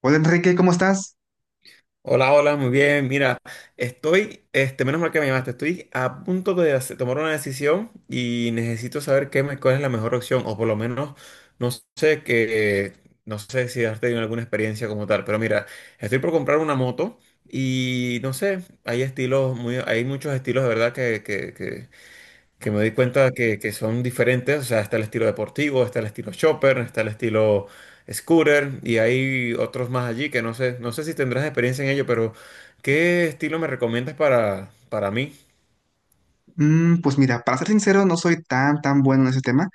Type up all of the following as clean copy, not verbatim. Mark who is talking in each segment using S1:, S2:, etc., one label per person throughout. S1: Hola Enrique, ¿cómo estás?
S2: Hola, hola, muy bien. Mira, estoy, menos mal que me llamaste, estoy a punto de tomar una decisión y necesito saber cuál es la mejor opción, o por lo menos, no sé que, no sé si has tenido alguna experiencia como tal, pero mira, estoy por comprar una moto y no sé, hay hay muchos estilos de verdad que me doy cuenta que son diferentes, o sea, está el estilo deportivo, está el estilo chopper, está el estilo scooter y hay otros más allí que no sé, no sé si tendrás experiencia en ello, pero ¿qué estilo me recomiendas para mí?
S1: Pues mira, para ser sincero, no soy tan bueno en ese tema,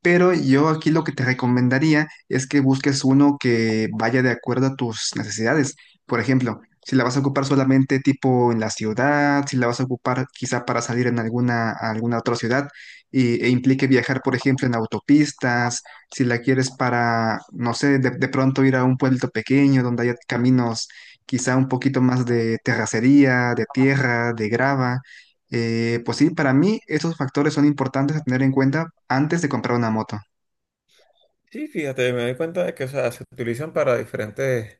S1: pero yo aquí lo que te recomendaría es que busques uno que vaya de acuerdo a tus necesidades. Por ejemplo, si la vas a ocupar solamente tipo en la ciudad, si la vas a ocupar quizá para salir en a alguna otra ciudad e implique viajar, por ejemplo, en autopistas, si la quieres para, no sé, de pronto ir a un pueblito pequeño donde haya caminos, quizá un poquito más de terracería, de tierra, de grava. Pues sí, para mí esos factores son importantes a tener en cuenta antes de comprar una moto.
S2: Sí, fíjate, me doy cuenta de que, o sea, se utilizan para diferentes,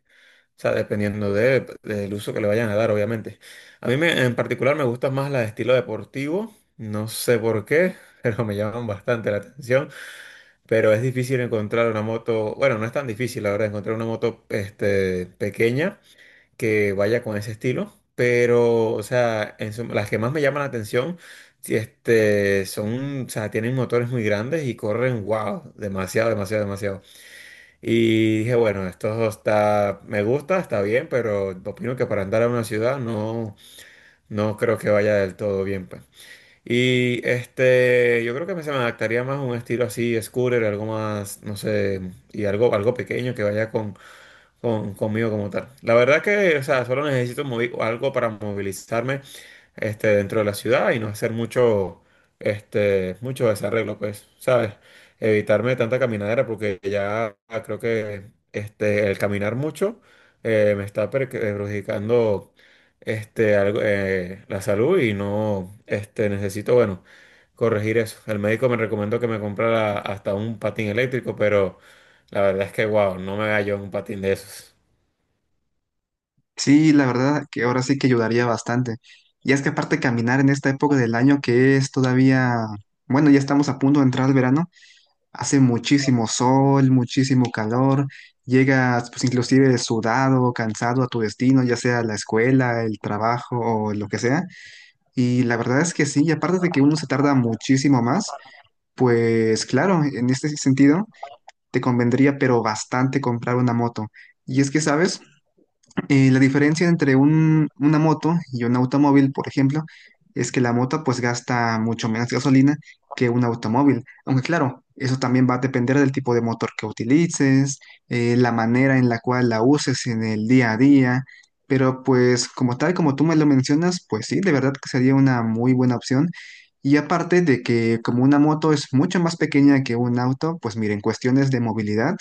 S2: o sea, dependiendo del uso que le vayan a dar, obviamente. A en particular me gusta más la de estilo deportivo, no sé por qué, pero me llaman bastante la atención. Pero es difícil encontrar una moto, bueno, no es tan difícil, la verdad, encontrar una moto pequeña que vaya con ese estilo. Pero, o sea, en suma, las que más me llaman la atención, si, son, o sea, tienen motores muy grandes y corren, wow, demasiado, demasiado, demasiado. Y dije, bueno, esto está, me gusta, está bien, pero opino que para andar a una ciudad no, no creo que vaya del todo bien, pues. Y yo creo que se me adaptaría más a un estilo así, scooter, algo más, no sé, y algo pequeño que vaya con, conmigo como tal. La verdad que, o sea, solo necesito algo para movilizarme dentro de la ciudad y no hacer mucho, mucho desarreglo, pues, ¿sabes? Evitarme tanta caminadera porque ya creo que el caminar mucho me está perjudicando algo, la salud y no necesito, bueno, corregir eso. El médico me recomendó que me comprara hasta un patín eléctrico, pero la verdad es que, wow, no me hallo en un patín de esos.
S1: Sí, la verdad que ahora sí que ayudaría bastante. Y es que aparte caminar en esta época del año que es todavía, bueno, ya estamos a punto de entrar al verano, hace muchísimo sol, muchísimo calor, llegas pues inclusive sudado, cansado a tu destino, ya sea la escuela, el trabajo o lo que sea. Y la verdad es que sí, y aparte de que uno se tarda muchísimo más, pues claro, en este sentido, te convendría, pero bastante, comprar una moto. Y es que, ¿sabes? La diferencia entre una moto y un automóvil, por ejemplo, es que la moto pues gasta mucho menos gasolina que un automóvil. Aunque claro, eso también va a depender del tipo de motor que utilices, la manera en la cual la uses en el día a día. Pero pues como tal, como tú me lo mencionas, pues sí, de verdad que sería una muy buena opción. Y aparte de que como una moto es mucho más pequeña que un auto, pues miren, cuestiones de movilidad,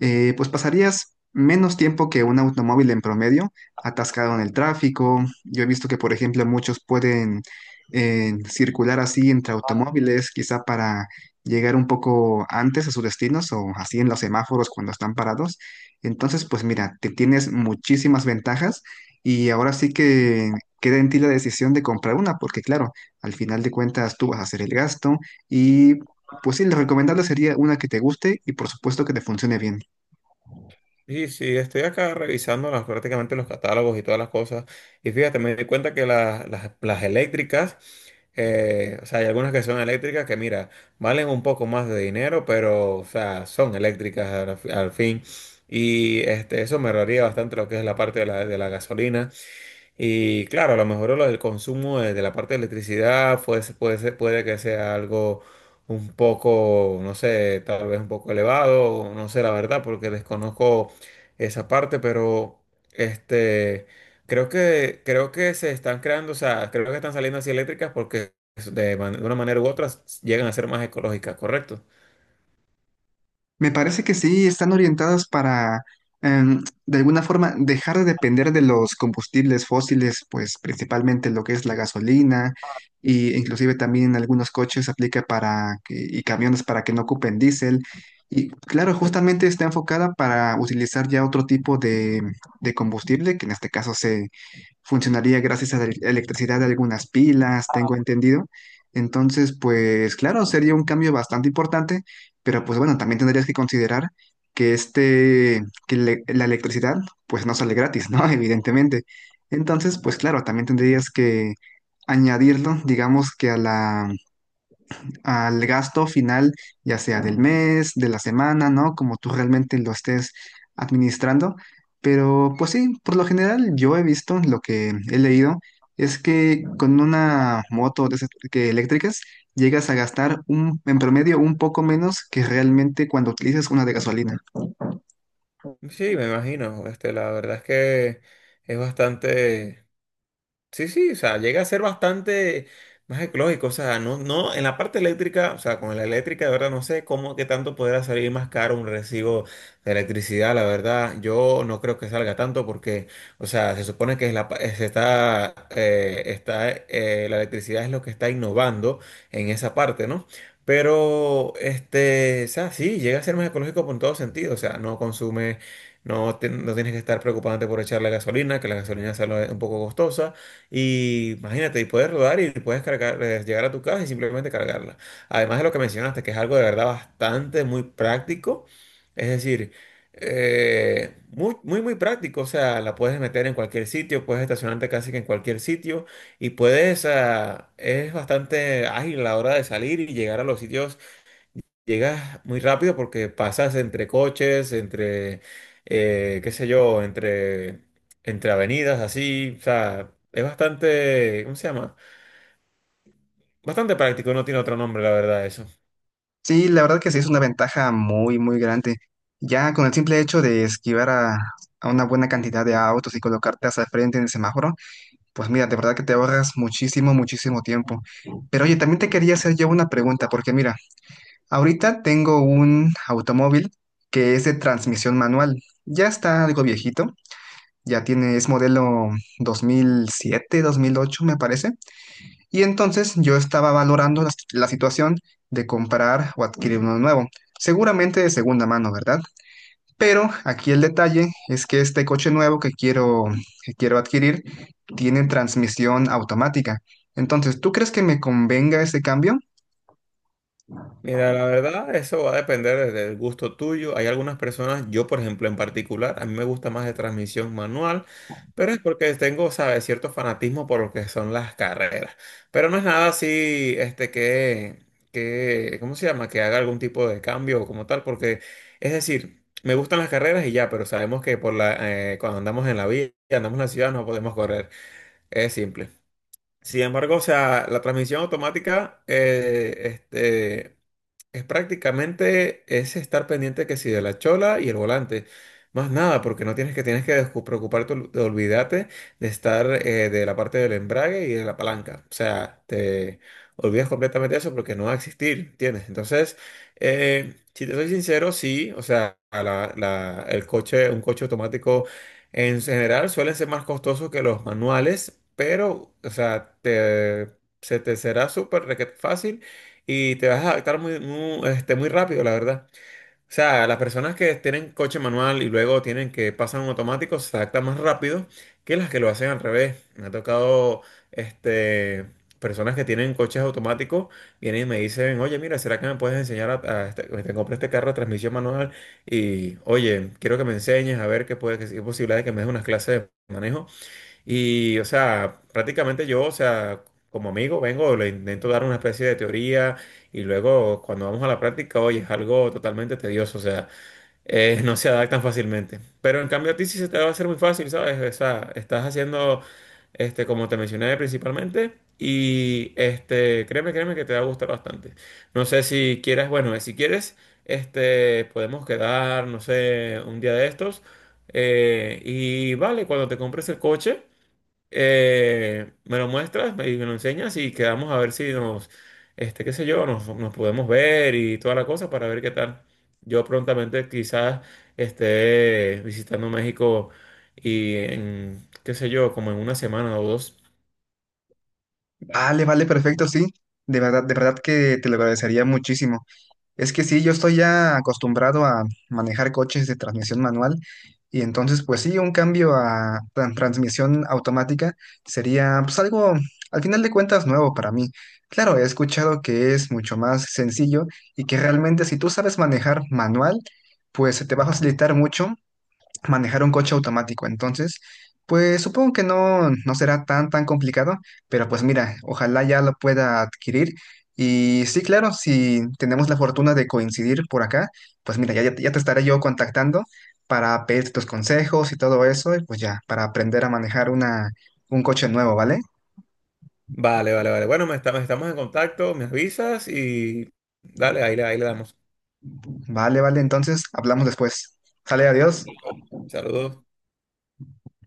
S1: pues pasarías menos tiempo que un automóvil en promedio atascado en el tráfico. Yo he visto que, por ejemplo, muchos pueden, circular así entre automóviles, quizá para llegar un poco antes a sus destinos o así en los semáforos cuando están parados. Entonces, pues mira, te tienes muchísimas ventajas y ahora sí que queda en ti la decisión de comprar una, porque claro, al final de cuentas tú vas a hacer el gasto y pues sí, lo recomendable sería una que te guste y por supuesto que te funcione bien.
S2: Sí, sí, estoy acá revisando prácticamente los catálogos y todas las cosas. Y fíjate, me di cuenta que las eléctricas, o sea, hay algunas que son eléctricas que, mira, valen un poco más de dinero, pero, o sea, son eléctricas al, al fin. Y eso me ahorraría bastante lo que es la parte de de la gasolina. Y claro, a lo mejor lo del consumo de la parte de electricidad puede que sea algo un poco, no sé, tal vez un poco elevado, o no sé la verdad, porque desconozco esa parte, pero este, creo que se están creando, o sea, creo que están saliendo así eléctricas porque de una manera u otra llegan a ser más ecológicas, ¿correcto?
S1: Me parece que sí, están orientadas para, de alguna forma, dejar de depender de los combustibles fósiles, pues principalmente lo que es la gasolina, y inclusive también en algunos coches aplica para y camiones para que no ocupen diésel. Y claro, justamente está enfocada para utilizar ya otro tipo de, combustible, que en este caso funcionaría gracias a la electricidad de algunas pilas, tengo entendido. Entonces, pues claro, sería un cambio bastante importante, pero pues bueno, también tendrías que considerar que la electricidad pues no sale gratis, ¿no? Evidentemente. Entonces, pues claro, también tendrías que añadirlo, digamos que a al gasto final, ya sea del mes, de la semana, ¿no? Como tú realmente lo estés administrando. Pero pues sí, por lo general yo he visto, lo que he leído, es que con una moto de esas que eléctricas llegas a gastar en promedio un poco menos que realmente cuando utilizas una de gasolina.
S2: Sí, me imagino. La verdad es que es bastante. Sí, sí, o sea, llega a ser bastante más ecológico, o sea, no, no, en la parte eléctrica, o sea, con la eléctrica, de verdad, no sé cómo, qué tanto podrá salir más caro un recibo de electricidad, la verdad, yo no creo que salga tanto porque, o sea, se supone que es la, pa- se está, está, la electricidad es lo que está innovando en esa parte, ¿no? Pero, o sea, sí, llega a ser más ecológico por todo sentido, o sea, no consume, no, no tienes que estar preocupándote por echar la gasolina, que la gasolina sale un poco costosa. Y imagínate, y puedes rodar y puedes cargar, llegar a tu casa y simplemente cargarla. Además de lo que mencionaste, que es algo de verdad bastante muy práctico. Es decir, muy, muy, muy práctico. O sea, la puedes meter en cualquier sitio, puedes estacionarte casi que en cualquier sitio y puedes, ah, es bastante ágil a la hora de salir y llegar a los sitios, llegas muy rápido porque pasas entre coches, qué sé yo, entre avenidas, así, o sea, es bastante, ¿cómo se llama? Bastante práctico, no tiene otro nombre, la verdad.
S1: Sí, la verdad que sí es una ventaja muy, muy grande. Ya con el simple hecho de esquivar a una buena cantidad de autos y colocarte hacia el frente en el semáforo, pues mira, de verdad que te ahorras muchísimo, muchísimo tiempo. Pero oye, también te quería hacer yo una pregunta, porque mira, ahorita tengo un automóvil que es de transmisión manual. Ya está algo viejito, ya tiene, es modelo 2007, 2008, me parece. Y entonces yo estaba valorando la situación de comprar o adquirir uno nuevo. Seguramente de segunda mano, ¿verdad? Pero aquí el detalle es que este coche nuevo que quiero, adquirir, tiene transmisión automática. Entonces, ¿tú crees que me convenga ese cambio?
S2: Mira, la verdad, eso va a depender del gusto tuyo. Hay algunas personas, yo por ejemplo en particular, a mí me gusta más de transmisión manual, pero es porque tengo, ¿sabes?, cierto fanatismo por lo que son las carreras. Pero no es nada así, que, ¿cómo se llama?, que haga algún tipo de cambio o como tal, porque, es decir, me gustan las carreras y ya, pero sabemos que por cuando andamos en la vía, andamos en la ciudad, no podemos correr. Es simple. Sin embargo, o sea, la transmisión automática, es prácticamente es estar pendiente que si de la chola y el volante. Más nada, porque no tienes que tienes que preocuparte, de olvídate de estar de la parte del embrague y de la palanca. O sea, te olvidas completamente de eso porque no va a existir, ¿entiendes? Entonces, si te soy sincero, sí, o sea, a la- la- el coche, un coche automático en general suelen ser más costosos que los manuales, pero, o sea, se te será súper requete fácil y te vas a adaptar muy, muy rápido, la verdad. O sea, las personas que tienen coche manual y luego tienen que pasar a un automático se adaptan más rápido que las que lo hacen al revés. Me ha tocado este, personas que tienen coches automáticos, vienen y me dicen, oye, mira, ¿será que me puedes enseñar a te compré este carro de transmisión manual? Y, oye, quiero que me enseñes a ver qué posibilidad de que me des unas clases de manejo. Y, o sea, prácticamente yo, o sea, como amigo, vengo, le intento dar una especie de teoría y luego cuando vamos a la práctica, oye, es algo totalmente tedioso, o sea, no se adaptan fácilmente. Pero en cambio a ti sí se te va a hacer muy fácil, ¿sabes? O sea, estás haciendo, como te mencioné principalmente, y créeme, créeme que te va a gustar bastante. No sé si quieres, bueno, si quieres, podemos quedar, no sé, un día de estos, y vale, cuando te compres el coche. Me lo muestras y me lo enseñas y quedamos a ver si nos, qué sé yo, nos podemos ver y toda la cosa para ver qué tal. Yo prontamente quizás esté visitando México y en, qué sé yo, como en una semana o dos.
S1: Vale, vale, perfecto, sí. De verdad que te lo agradecería muchísimo. Es que sí, yo estoy ya acostumbrado a manejar coches de transmisión manual y entonces pues sí, un cambio a transmisión automática sería pues algo al final de cuentas nuevo para mí. Claro, he escuchado que es mucho más sencillo y que realmente si tú sabes manejar manual, pues se te va a facilitar mucho manejar un coche automático. Entonces, pues supongo que no, no será tan complicado, pero pues mira, ojalá ya lo pueda adquirir. Y sí, claro, si tenemos la fortuna de coincidir por acá, pues mira, ya te estaré yo contactando para pedirte tus consejos y todo eso, y pues ya, para aprender a manejar un coche nuevo, ¿vale?
S2: Vale, vale, vale. Bueno, estamos en contacto, me avisas y dale, ahí le damos.
S1: Vale, vale, entonces hablamos después. Sale, adiós.
S2: Saludos.